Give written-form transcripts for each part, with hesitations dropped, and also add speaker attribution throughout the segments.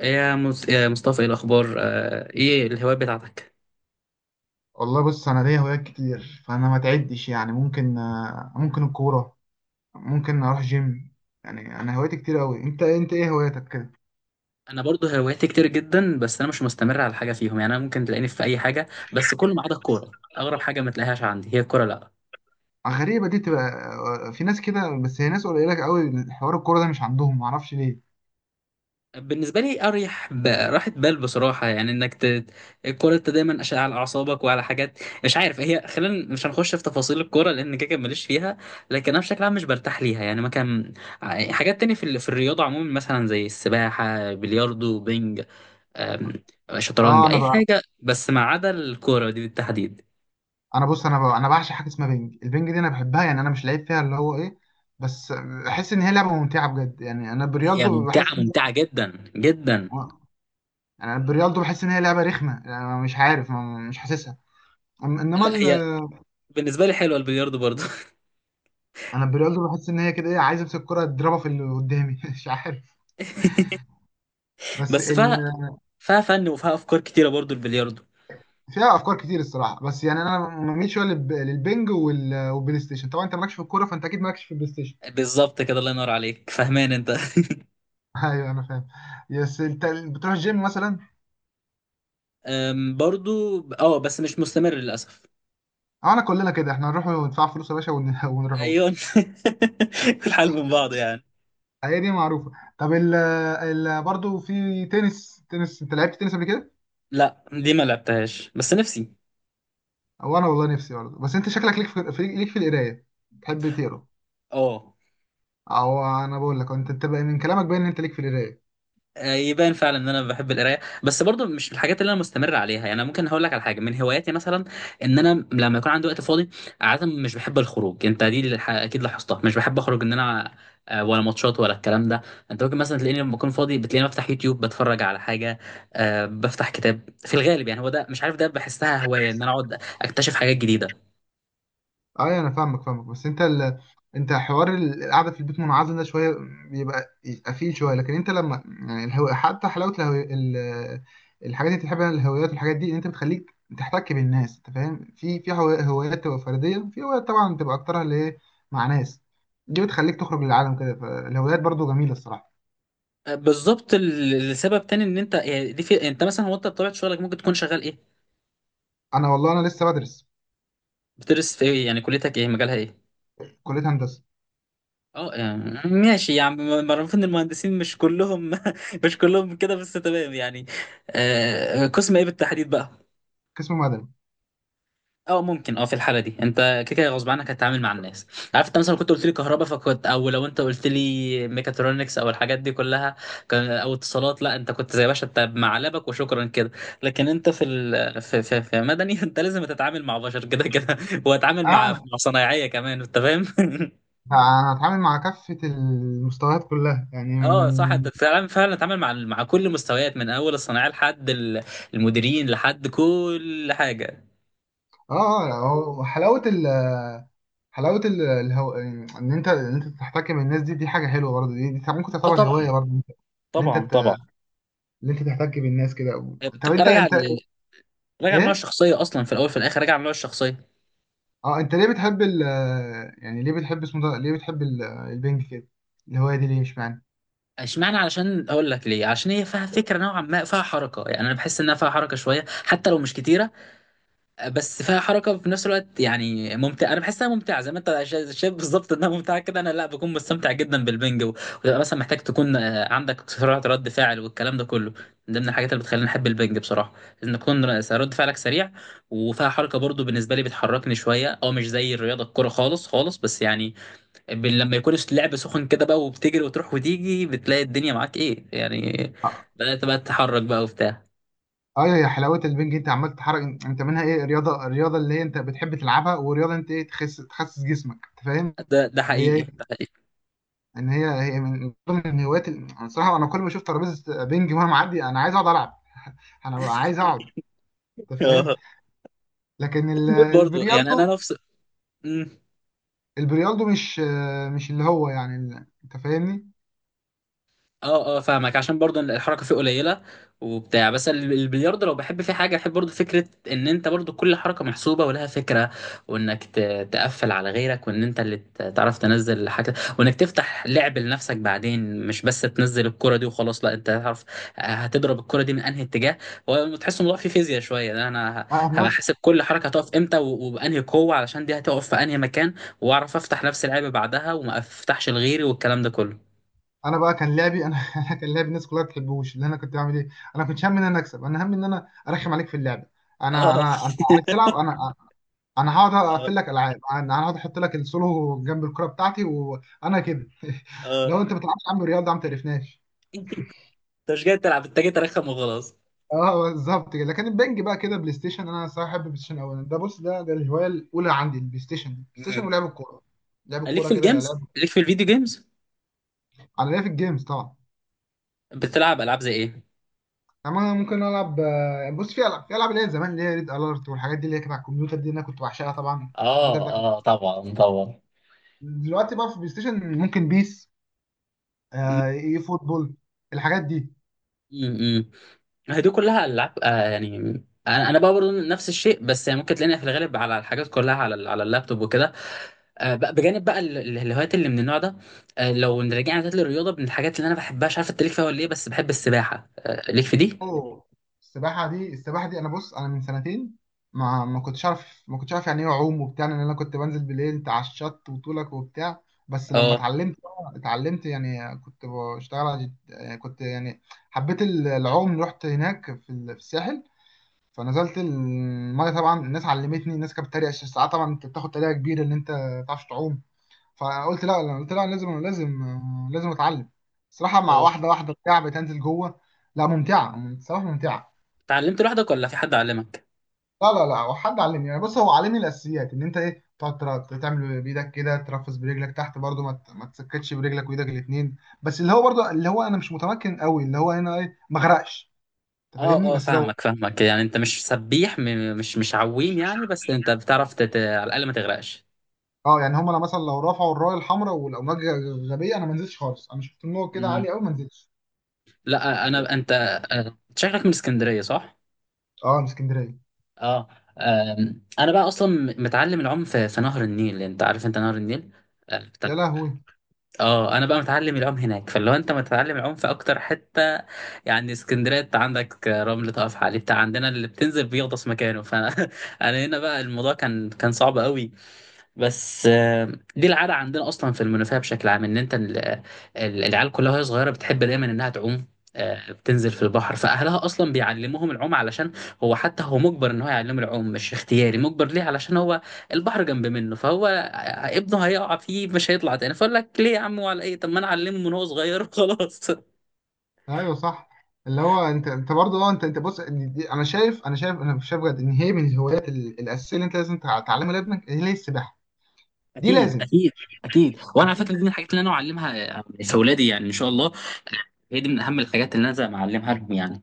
Speaker 1: يا مصطفى، ايه الاخبار؟ ايه الهوايات بتاعتك؟
Speaker 2: والله بص انا ليا هوايات كتير، فانا ما تعدش. يعني ممكن ممكن الكوره، ممكن اروح جيم. يعني انا هوايتي كتير قوي. انت ايه هواياتك كده؟
Speaker 1: انا برضو هواياتي كتير جدا، بس انا مش مستمر على حاجه فيهم. يعني انا ممكن تلاقيني في اي حاجه، بس كل ما عدا الكوره. اغرب حاجه ما تلاقيهاش عندي هي الكوره، لا.
Speaker 2: غريبه دي تبقى. في ناس كده بس هي ناس قليله قوي، حوار الكوره ده مش عندهم، ما اعرفش ليه.
Speaker 1: بالنسبه لي اريح راحه بال بصراحه، يعني انك الكوره انت دايما على اعصابك وعلى حاجات مش عارف هي. خلينا مش هنخش في تفاصيل الكوره لان كده كده ماليش فيها. لكن انا بشكل عام مش برتاح ليها، يعني ما كان حاجات تانية في الرياضه عموما، مثلا زي السباحه، بلياردو، بينج، آم،
Speaker 2: اه
Speaker 1: شطرنج،
Speaker 2: انا
Speaker 1: اي
Speaker 2: بقى
Speaker 1: حاجه بس ما عدا الكوره دي بالتحديد.
Speaker 2: انا بص انا بقى انا بعشق حاجه اسمها بينج، البينج دي انا بحبها. يعني انا مش لعيب فيها اللي هو ايه، بس بحس ان هي لعبه ممتعه بجد. يعني انا
Speaker 1: هي
Speaker 2: بريالدو
Speaker 1: ممتعه،
Speaker 2: بحس
Speaker 1: ممتعه جدا جدا.
Speaker 2: آه، يعني انا بريالدو بحس ان هي لعبه رخمه. يعني أنا مش عارف مش حاسسها. أم- انما
Speaker 1: لا،
Speaker 2: ال-
Speaker 1: هي بالنسبه لي حلوه البلياردو برضو.
Speaker 2: انا بريالدو بحس ان هي كده ايه، عايز امسك الكره اضربها في اللي قدامي مش عارف. بس
Speaker 1: بس
Speaker 2: ال...
Speaker 1: فيها فن وفيها افكار كتيره برضو البلياردو.
Speaker 2: فيها افكار كتير الصراحه. بس يعني انا ما بميل شويه للبنج والبلاي ستيشن. طبعا انت مالكش في الكوره، فانت اكيد مالكش في البلاي ستيشن.
Speaker 1: بالظبط كده. الله ينور عليك، فهمان انت.
Speaker 2: ايوه انا فاهم. بس انت بتروح الجيم مثلا؟
Speaker 1: برضو اه، بس مش مستمر للاسف.
Speaker 2: اه، انا كلنا كده، احنا نروح وندفع فلوس يا باشا ونروحوش.
Speaker 1: ايون. الحال من بعض يعني.
Speaker 2: هي دي معروفه. طب برضه في تنس، تنس انت لعبت تنس قبل كده؟
Speaker 1: لا، دي ما لعبتهاش بس نفسي.
Speaker 2: او انا والله نفسي برضه. بس انت شكلك ليك ليك في القرايه، تحب تقرا.
Speaker 1: اه.
Speaker 2: او انا بقول لك، انت بقى من كلامك باين ان انت ليك في القرايه.
Speaker 1: يبان فعلا ان انا بحب القرايه، بس برضو مش الحاجات اللي انا مستمر عليها. يعني انا ممكن هقول لك على حاجه من هواياتي مثلا، ان انا لما يكون عندي وقت فاضي. عاده مش بحب الخروج، انت دي اللي اكيد لاحظتها، مش بحب اخرج ان انا ولا ماتشات ولا الكلام ده. انت ممكن مثلا تلاقيني لما اكون فاضي، بتلاقيني بفتح يوتيوب بتفرج على حاجه. بفتح كتاب في الغالب. يعني هو ده مش عارف، ده بحسها هوايه ان انا اقعد اكتشف حاجات جديده.
Speaker 2: ايوه انا فاهمك. بس انت حوار القعده في البيت منعزل ده شويه، يبقى فيه شويه. لكن انت لما يعني حتى حلاوه الحاجات اللي بتحبها، الهوايات والحاجات دي، ان انت بتخليك تحتك بالناس. انت فاهم؟ هوايات تبقى فرديه، وفي هوايات طبعا تبقى اكترها اللي هي مع ناس، دي بتخليك تخرج للعالم كده. فالهوايات برضو جميله الصراحه.
Speaker 1: بالظبط. السبب تاني ان انت يعني دي، في انت مثلا، هو انت بطبيعه شغلك ممكن تكون شغال ايه؟
Speaker 2: انا والله انا لسه بدرس
Speaker 1: بتدرس في ايه؟ يعني كليتك ايه مجالها ايه؟
Speaker 2: كليه هندسه،
Speaker 1: اه يعني ماشي. يعني معروف ان المهندسين مش كلهم مش كلهم كده، بس تمام يعني. قسم ايه بالتحديد بقى؟
Speaker 2: قسم مدني.
Speaker 1: اه ممكن. اه في الحاله دي انت كده كده غصب عنك هتتعامل مع الناس. عارف انت مثلا كنت قلت لي كهرباء فكنت، او لو انت قلت لي ميكاترونكس او الحاجات دي كلها، كان او اتصالات. لا انت كنت زي باشا، انت معلبك وشكرا كده. لكن انت في ال... في, في, في مدني انت لازم تتعامل مع بشر كده كده، وتتعامل مع
Speaker 2: انا
Speaker 1: مع صنايعيه كمان، انت فاهم؟
Speaker 2: انا هتعامل مع كافه المستويات كلها يعني.
Speaker 1: اه صح، انت فعلا فعلا اتعامل مع كل المستويات من اول الصناعيه لحد المديرين، لحد كل حاجه.
Speaker 2: اه اه، يعني هو حلاوه ال الهو... ان انت تحتك بالناس، دي دي حاجه حلوه برضه، دي ممكن
Speaker 1: اه
Speaker 2: تعتبر
Speaker 1: طبعا
Speaker 2: هوايه برضه. اللي انت
Speaker 1: طبعا
Speaker 2: ت...
Speaker 1: طبعا.
Speaker 2: اللي انت تحتك بالناس كده. طب
Speaker 1: بتبقى
Speaker 2: انت
Speaker 1: راجع
Speaker 2: انت
Speaker 1: ل- راجع لنوع
Speaker 2: ايه؟
Speaker 1: الشخصيه اصلا في الاول، في الاخر راجع لنوع الشخصيه.
Speaker 2: اه، انت ليه بتحب يعني ليه بتحب اسمه ده، ليه بتحب البنج كده، الهوايه دي ليه؟ مش معنى.
Speaker 1: اشمعنى؟ علشان اقول لك ليه، عشان هي فيها فكره نوعا ما، فيها حركه. يعني انا بحس انها فيها حركه شويه حتى لو مش كتيره، بس فيها حركه في نفس الوقت. يعني ممتع، انا بحسها ممتعه زي ما انت شايف بالظبط انها ممتعه كده. انا لا بكون مستمتع جدا بالبنج، و- وتبقى مثلا محتاج تكون عندك سرعه رد فعل والكلام ده كله. من ضمن الحاجات اللي بتخليني احب البنج بصراحه، ان تكون رد فعلك سريع. وفيها حركه برضو، بالنسبه لي بتحركني شويه، اه مش زي الرياضه الكوره خالص خالص، بس يعني لما يكون اللعب سخن كده بقى، وبتجري وتروح وتيجي بتلاقي الدنيا معاك ايه يعني،
Speaker 2: اه،
Speaker 1: بدأت بقى تتحرك بقى وبتاع.
Speaker 2: ايوه، يا حلاوه البنج، انت عمال تتحرك انت منها. ايه رياضه، الرياضه اللي هي انت بتحب تلعبها، ورياضه انت ايه تخس تخسس جسمك، انت فاهم؟
Speaker 1: ده
Speaker 2: اللي
Speaker 1: حقيقي،
Speaker 2: هي
Speaker 1: ده حقيقي.
Speaker 2: ان هي هي من ضمن الهوايات انا صراحه انا كل ما اشوف ترابيزه بينج مهما معدي انا عايز اقعد العب، انا ببقى عايز اقعد، انت فاهم. لكن
Speaker 1: برضه يعني انا
Speaker 2: البريالدو،
Speaker 1: نفس. مم.
Speaker 2: البريالدو مش مش اللي هو يعني انت فاهمني.
Speaker 1: اه اه فاهمك، عشان برضه الحركه فيه قليله وبتاع، بس البلياردو لو بحب فيه حاجه بحب برضه فكره ان انت برضه كل حركه محسوبه ولها فكره، وانك تقفل على غيرك، وان انت اللي تعرف تنزل الحاجه، وانك تفتح لعب لنفسك بعدين، مش بس تنزل الكره دي وخلاص. لا، انت تعرف هتضرب الكره دي من انهي اتجاه، هو تحس الموضوع فيه فيزياء شويه ده. انا
Speaker 2: انا
Speaker 1: هبقى
Speaker 2: بص،
Speaker 1: حاسب كل حركه هتقف امتى، و- وبانهي قوه علشان دي هتقف في انهي مكان، واعرف افتح نفس اللعبه بعدها وما افتحش لغيري، والكلام ده كله.
Speaker 2: انا بقى كان لعبي انا أنا كان لعبي الناس كلها ما بتحبوش. اللي انا كنت بعمل ايه، انا كنت همي ان انا اكسب، انا همي ان انا ارخم عليك في اللعبه. انا
Speaker 1: اه.
Speaker 2: انا انت عايز تلعب، انا انا هقعد اقفل لك العاب، انا هقعد احط لك السولو جنب الكره بتاعتي وانا كده.
Speaker 1: اه.
Speaker 2: لو انت ما بتلعبش يا عم رياضه يا عم تعرفناش.
Speaker 1: انت مش جاي تلعب، انت جاي ترخم وخلاص.
Speaker 2: اه بالظبط كده. لكن البنج بقى كده، بلاي ستيشن، انا صراحه بحب البلاي ستيشن اولا. ده بص ده الهوايه الاولى عندي، البلاي ستيشن. دي بلاي ستيشن
Speaker 1: مم.
Speaker 2: ولعب الكوره. لعب
Speaker 1: ليك
Speaker 2: الكوره
Speaker 1: في
Speaker 2: كده
Speaker 1: الجيمز،
Speaker 2: لعب،
Speaker 1: ليك في الفيديو جيمز؟
Speaker 2: على لعب الجيمز طبعا.
Speaker 1: بتلعب العاب زي ايه؟
Speaker 2: يعني انا ممكن العب بص في العاب، في العاب اللي هي زمان، اللي هي ريد الارت والحاجات دي اللي هي كانت على الكمبيوتر، دي اللي انا كنت بعشقها. طبعا الكمبيوتر
Speaker 1: اه
Speaker 2: ده كان.
Speaker 1: اه طبعا طبعا.
Speaker 2: دلوقتي بقى في البلاي ستيشن، ممكن بيس،
Speaker 1: م-
Speaker 2: آه، اي فوتبول، الحاجات دي.
Speaker 1: م- م. هي دي كلها العاب يعني. انا بقى برضه نفس الشيء، بس يعني ممكن تلاقينا في الغالب على الحاجات كلها على اللابتوب وكده. بجانب بقى الهوايات اللي من النوع ده. لو رجعنا تاني للرياضه، من الحاجات اللي انا بحبها، مش عارف انت ليك فيها ولا ايه، بس بحب السباحه، ليك في دي؟
Speaker 2: اوه، السباحه دي، السباحه دي انا بص، انا من سنتين ما كنتش اعرف، ما كنتش اعرف يعني ايه اعوم وبتاع، لان انا كنت بنزل بالليل على الشط وطولك وبتاع. بس لما
Speaker 1: اه
Speaker 2: اتعلمت يعني كنت بشتغل يعني كنت يعني حبيت العوم، رحت هناك في في الساحل، فنزلت الميه. طبعا الناس علمتني، الناس كانت بتتريق، عشان ساعات طبعا انت بتاخد تريقه كبيره ان انت ما تعرفش تعوم. فقلت لا لا، قلت لا لازم، لازم لازم اتعلم صراحه. مع
Speaker 1: اه.
Speaker 2: واحده واحده بتاع، بتنزل جوه. لا ممتعه صراحه، ممتعه.
Speaker 1: اتعلمت لوحدك ولا في حد علمك؟
Speaker 2: لا هو حد علمني. يعني بص هو علمني الاساسيات، ان انت ايه تقعد تعمل بايدك كده، ترفس برجلك تحت برضو، ما تسكتش برجلك وايدك الاثنين. بس اللي هو برضو اللي هو انا مش متمكن قوي، اللي هو انا ايه ما اغرقش، انت
Speaker 1: اه
Speaker 2: فاهمني؟
Speaker 1: اه
Speaker 2: بس لو،
Speaker 1: فاهمك فاهمك. يعني انت مش سبيح، مش عويم يعني، بس انت بتعرف على الاقل ما تغرقش.
Speaker 2: اه يعني هم انا مثلا لو رفعوا الرايه الحمراء والامواج غبيه انا ما نزلتش خالص، انا شفت النور كده
Speaker 1: مم.
Speaker 2: عالي قوي ما نزلتش.
Speaker 1: لا، انا انت شكلك من اسكندريه صح؟
Speaker 2: اه، من اسكندريه.
Speaker 1: اه. انا بقى اصلا متعلم العوم في نهر النيل، انت عارف انت نهر النيل. اه
Speaker 2: يا لهوي.
Speaker 1: انا بقى متعلم العوم هناك، فاللي هو انت متعلم العوم في اكتر حته. يعني اسكندريه انت عندك رمل تقف عليه بتاع، عندنا اللي بتنزل بيغطس مكانه فانا انا هنا بقى الموضوع كان صعب قوي. بس دي العاده عندنا اصلا في المنوفيه بشكل عام، ان انت العيال كلها وهي صغيره بتحب دايما انها تعوم. بتنزل في البحر، فاهلها اصلا بيعلموهم العوم، علشان هو حتى، هو مجبر ان هو يعلمهم العوم مش اختياري، مجبر ليه؟ علشان هو البحر جنب منه، فهو ابنه هيقع فيه مش هيطلع تاني. فاقول لك ليه يا عم وعلى ايه؟ طب ما انا اعلمه من هو صغير وخلاص.
Speaker 2: ايوه صح. اللي هو انت برضه اه، انت بص انا شايف، انا شايف، انا شايف بجد ان هي من الهوايات الاساسيه اللي انت لازم تعلمها لابنك، هي السباحه، دي
Speaker 1: اكيد
Speaker 2: لازم.
Speaker 1: اكيد اكيد. وانا على
Speaker 2: اكيد.
Speaker 1: فكره دي من الحاجات اللي انا اعلمها في اولادي، يعني ان شاء الله. هي دي من اهم الحاجات اللي انا لازم اعلمها لهم يعني.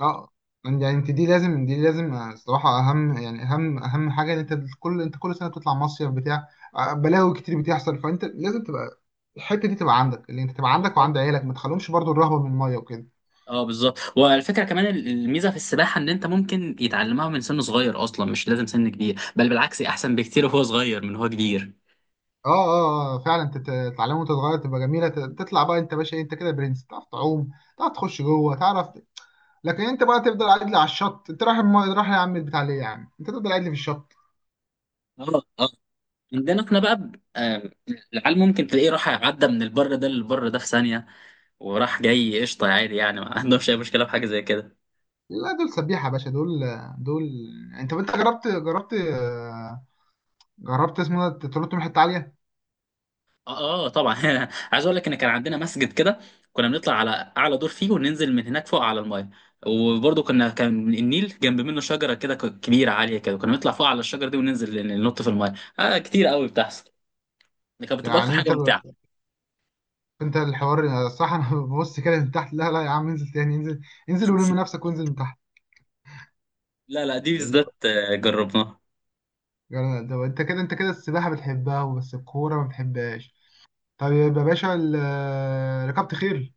Speaker 2: اه يعني انت دي لازم، دي لازم، الصراحه اهم، يعني اهم اهم حاجه. ان انت كل سنه بتطلع مصيف بتاع بلاوي كتير بتحصل، فانت لازم تبقى الحته دي تبقى عندك، اللي انت تبقى عندك وعند عيالك، ما تخليهمش برضو الرهبه من الميه وكده.
Speaker 1: اه بالظبط. والفكره كمان، الميزه في السباحه ان انت ممكن يتعلمها من سن صغير اصلا، مش لازم سن كبير، بل بالعكس احسن بكتير وهو صغير من هو كبير.
Speaker 2: اه اه، فعلا تتعلم وانت صغير تبقى جميله، تطلع بقى انت باشا، انت كده برنس، تعرف تعوم، تعرف تخش جوه، تعرف. لكن انت بقى تفضل قاعد لي على الشط، انت رايح رايح يا عم بتاع ليه يا عم انت تفضل قاعد لي في الشط.
Speaker 1: اه اه. عندنا احنا بقى العيال ممكن تلاقيه راح عدى من البر ده للبر ده في ثانيه، وراح جاي قشطه عادي، يعني ما عندهمش اي مشكله في حاجه زي كده.
Speaker 2: لا دول سبيحة يا باشا، دول دول. انت جربت، جربت، جربت اسمه ده تنط من حتة عالية؟
Speaker 1: اه. طبعا. عايز اقول لك ان كان عندنا مسجد كده، كنا بنطلع على اعلى دور فيه وننزل من هناك فوق على المايه. وبرضه كنا، كان النيل جنب منه شجره كده كبيره عاليه كده، كنا بنطلع فوق على الشجره دي وننزل ننط في المايه. اه كتير قوي بتحصل، دي كانت بتبقى اكتر
Speaker 2: يعني انت
Speaker 1: حاجه ممتعه.
Speaker 2: انت الحوار صح، انا ببص كده من تحت، لا لا يا عم انزل تاني، انزل، انزل ولم نفسك وانزل من تحت.
Speaker 1: لا لا دي
Speaker 2: اللي هو
Speaker 1: بالذات جربناها.
Speaker 2: يعني ده انت كده السباحة بتحبها بس الكورة ما بتحبهاش. طيب يا باشا ركبت خيل؟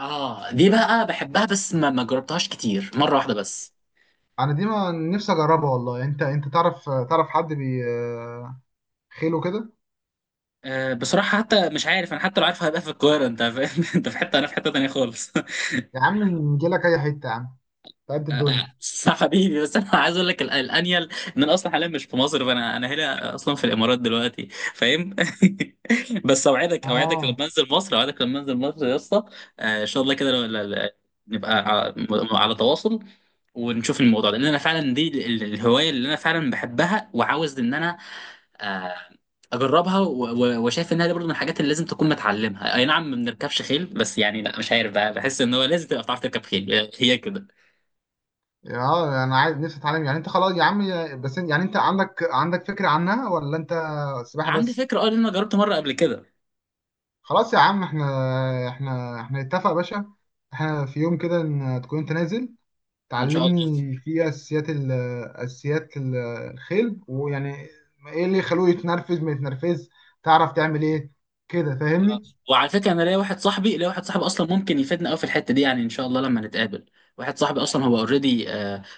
Speaker 1: اه دي بقى بحبها، بس ما جربتهاش كتير، مره واحده بس.
Speaker 2: انا دي ما نفسي اجربها والله. انت تعرف، تعرف حد بي خيله كده؟
Speaker 1: بصراحه حتى مش عارف انا، حتى لو عارف هبقى في القاهره، انت فاهم؟ انت في حته انا في حته تانيه خالص.
Speaker 2: يا عم نجيلك اي حتة يا عم، تعبت الدنيا.
Speaker 1: صح حبيبي، بس انا عايز اقول لك الانيل، ان انا اصلا حاليا مش في مصر، فانا هنا اصلا في الامارات دلوقتي. فاهم؟ بس اوعدك اوعدك
Speaker 2: اه
Speaker 1: لما انزل مصر، اوعدك لما انزل مصر يا اسطى. ان شاء الله كده. نبقى على تواصل، ونشوف الموضوع ده. لان انا فعلا دي الهوايه اللي انا فعلا بحبها، وعاوز ان انا آه، اجربها، و- و- وشايف انها دي برضه من الحاجات اللي لازم تكون متعلمها. اي نعم ما بنركبش خيل، بس يعني، لا مش عارف بقى بحس ان هو لازم تبقى بتعرف تركب خيل، هي كده.
Speaker 2: اه، انا عايز نفسي اتعلم يعني. انت خلاص يا عم بس يعني انت عندك فكرة عنها ولا انت سباحة
Speaker 1: عندي
Speaker 2: بس؟
Speaker 1: فكره اه، لان انا جربت مره قبل كده.
Speaker 2: خلاص يا عم، احنا نتفق يا باشا، احنا في يوم كده، ان تكون انت نازل
Speaker 1: ان شاء الله.
Speaker 2: تعلمني في اساسيات اساسيات الخيل، ويعني ايه اللي يخلوه يتنرفز ما يتنرفز، تعرف تعمل ايه كده، فاهمني.
Speaker 1: وعلى فكره انا ليا واحد صاحبي اصلا ممكن يفيدنا قوي في الحته دي، يعني ان شاء الله لما نتقابل. واحد صاحبي اصلا هو اوريدي،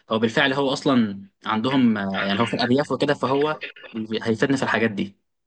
Speaker 1: هو بالفعل، هو اصلا عندهم يعني هو في الارياف وكده، فهو هيفيدنا في الحاجات دي.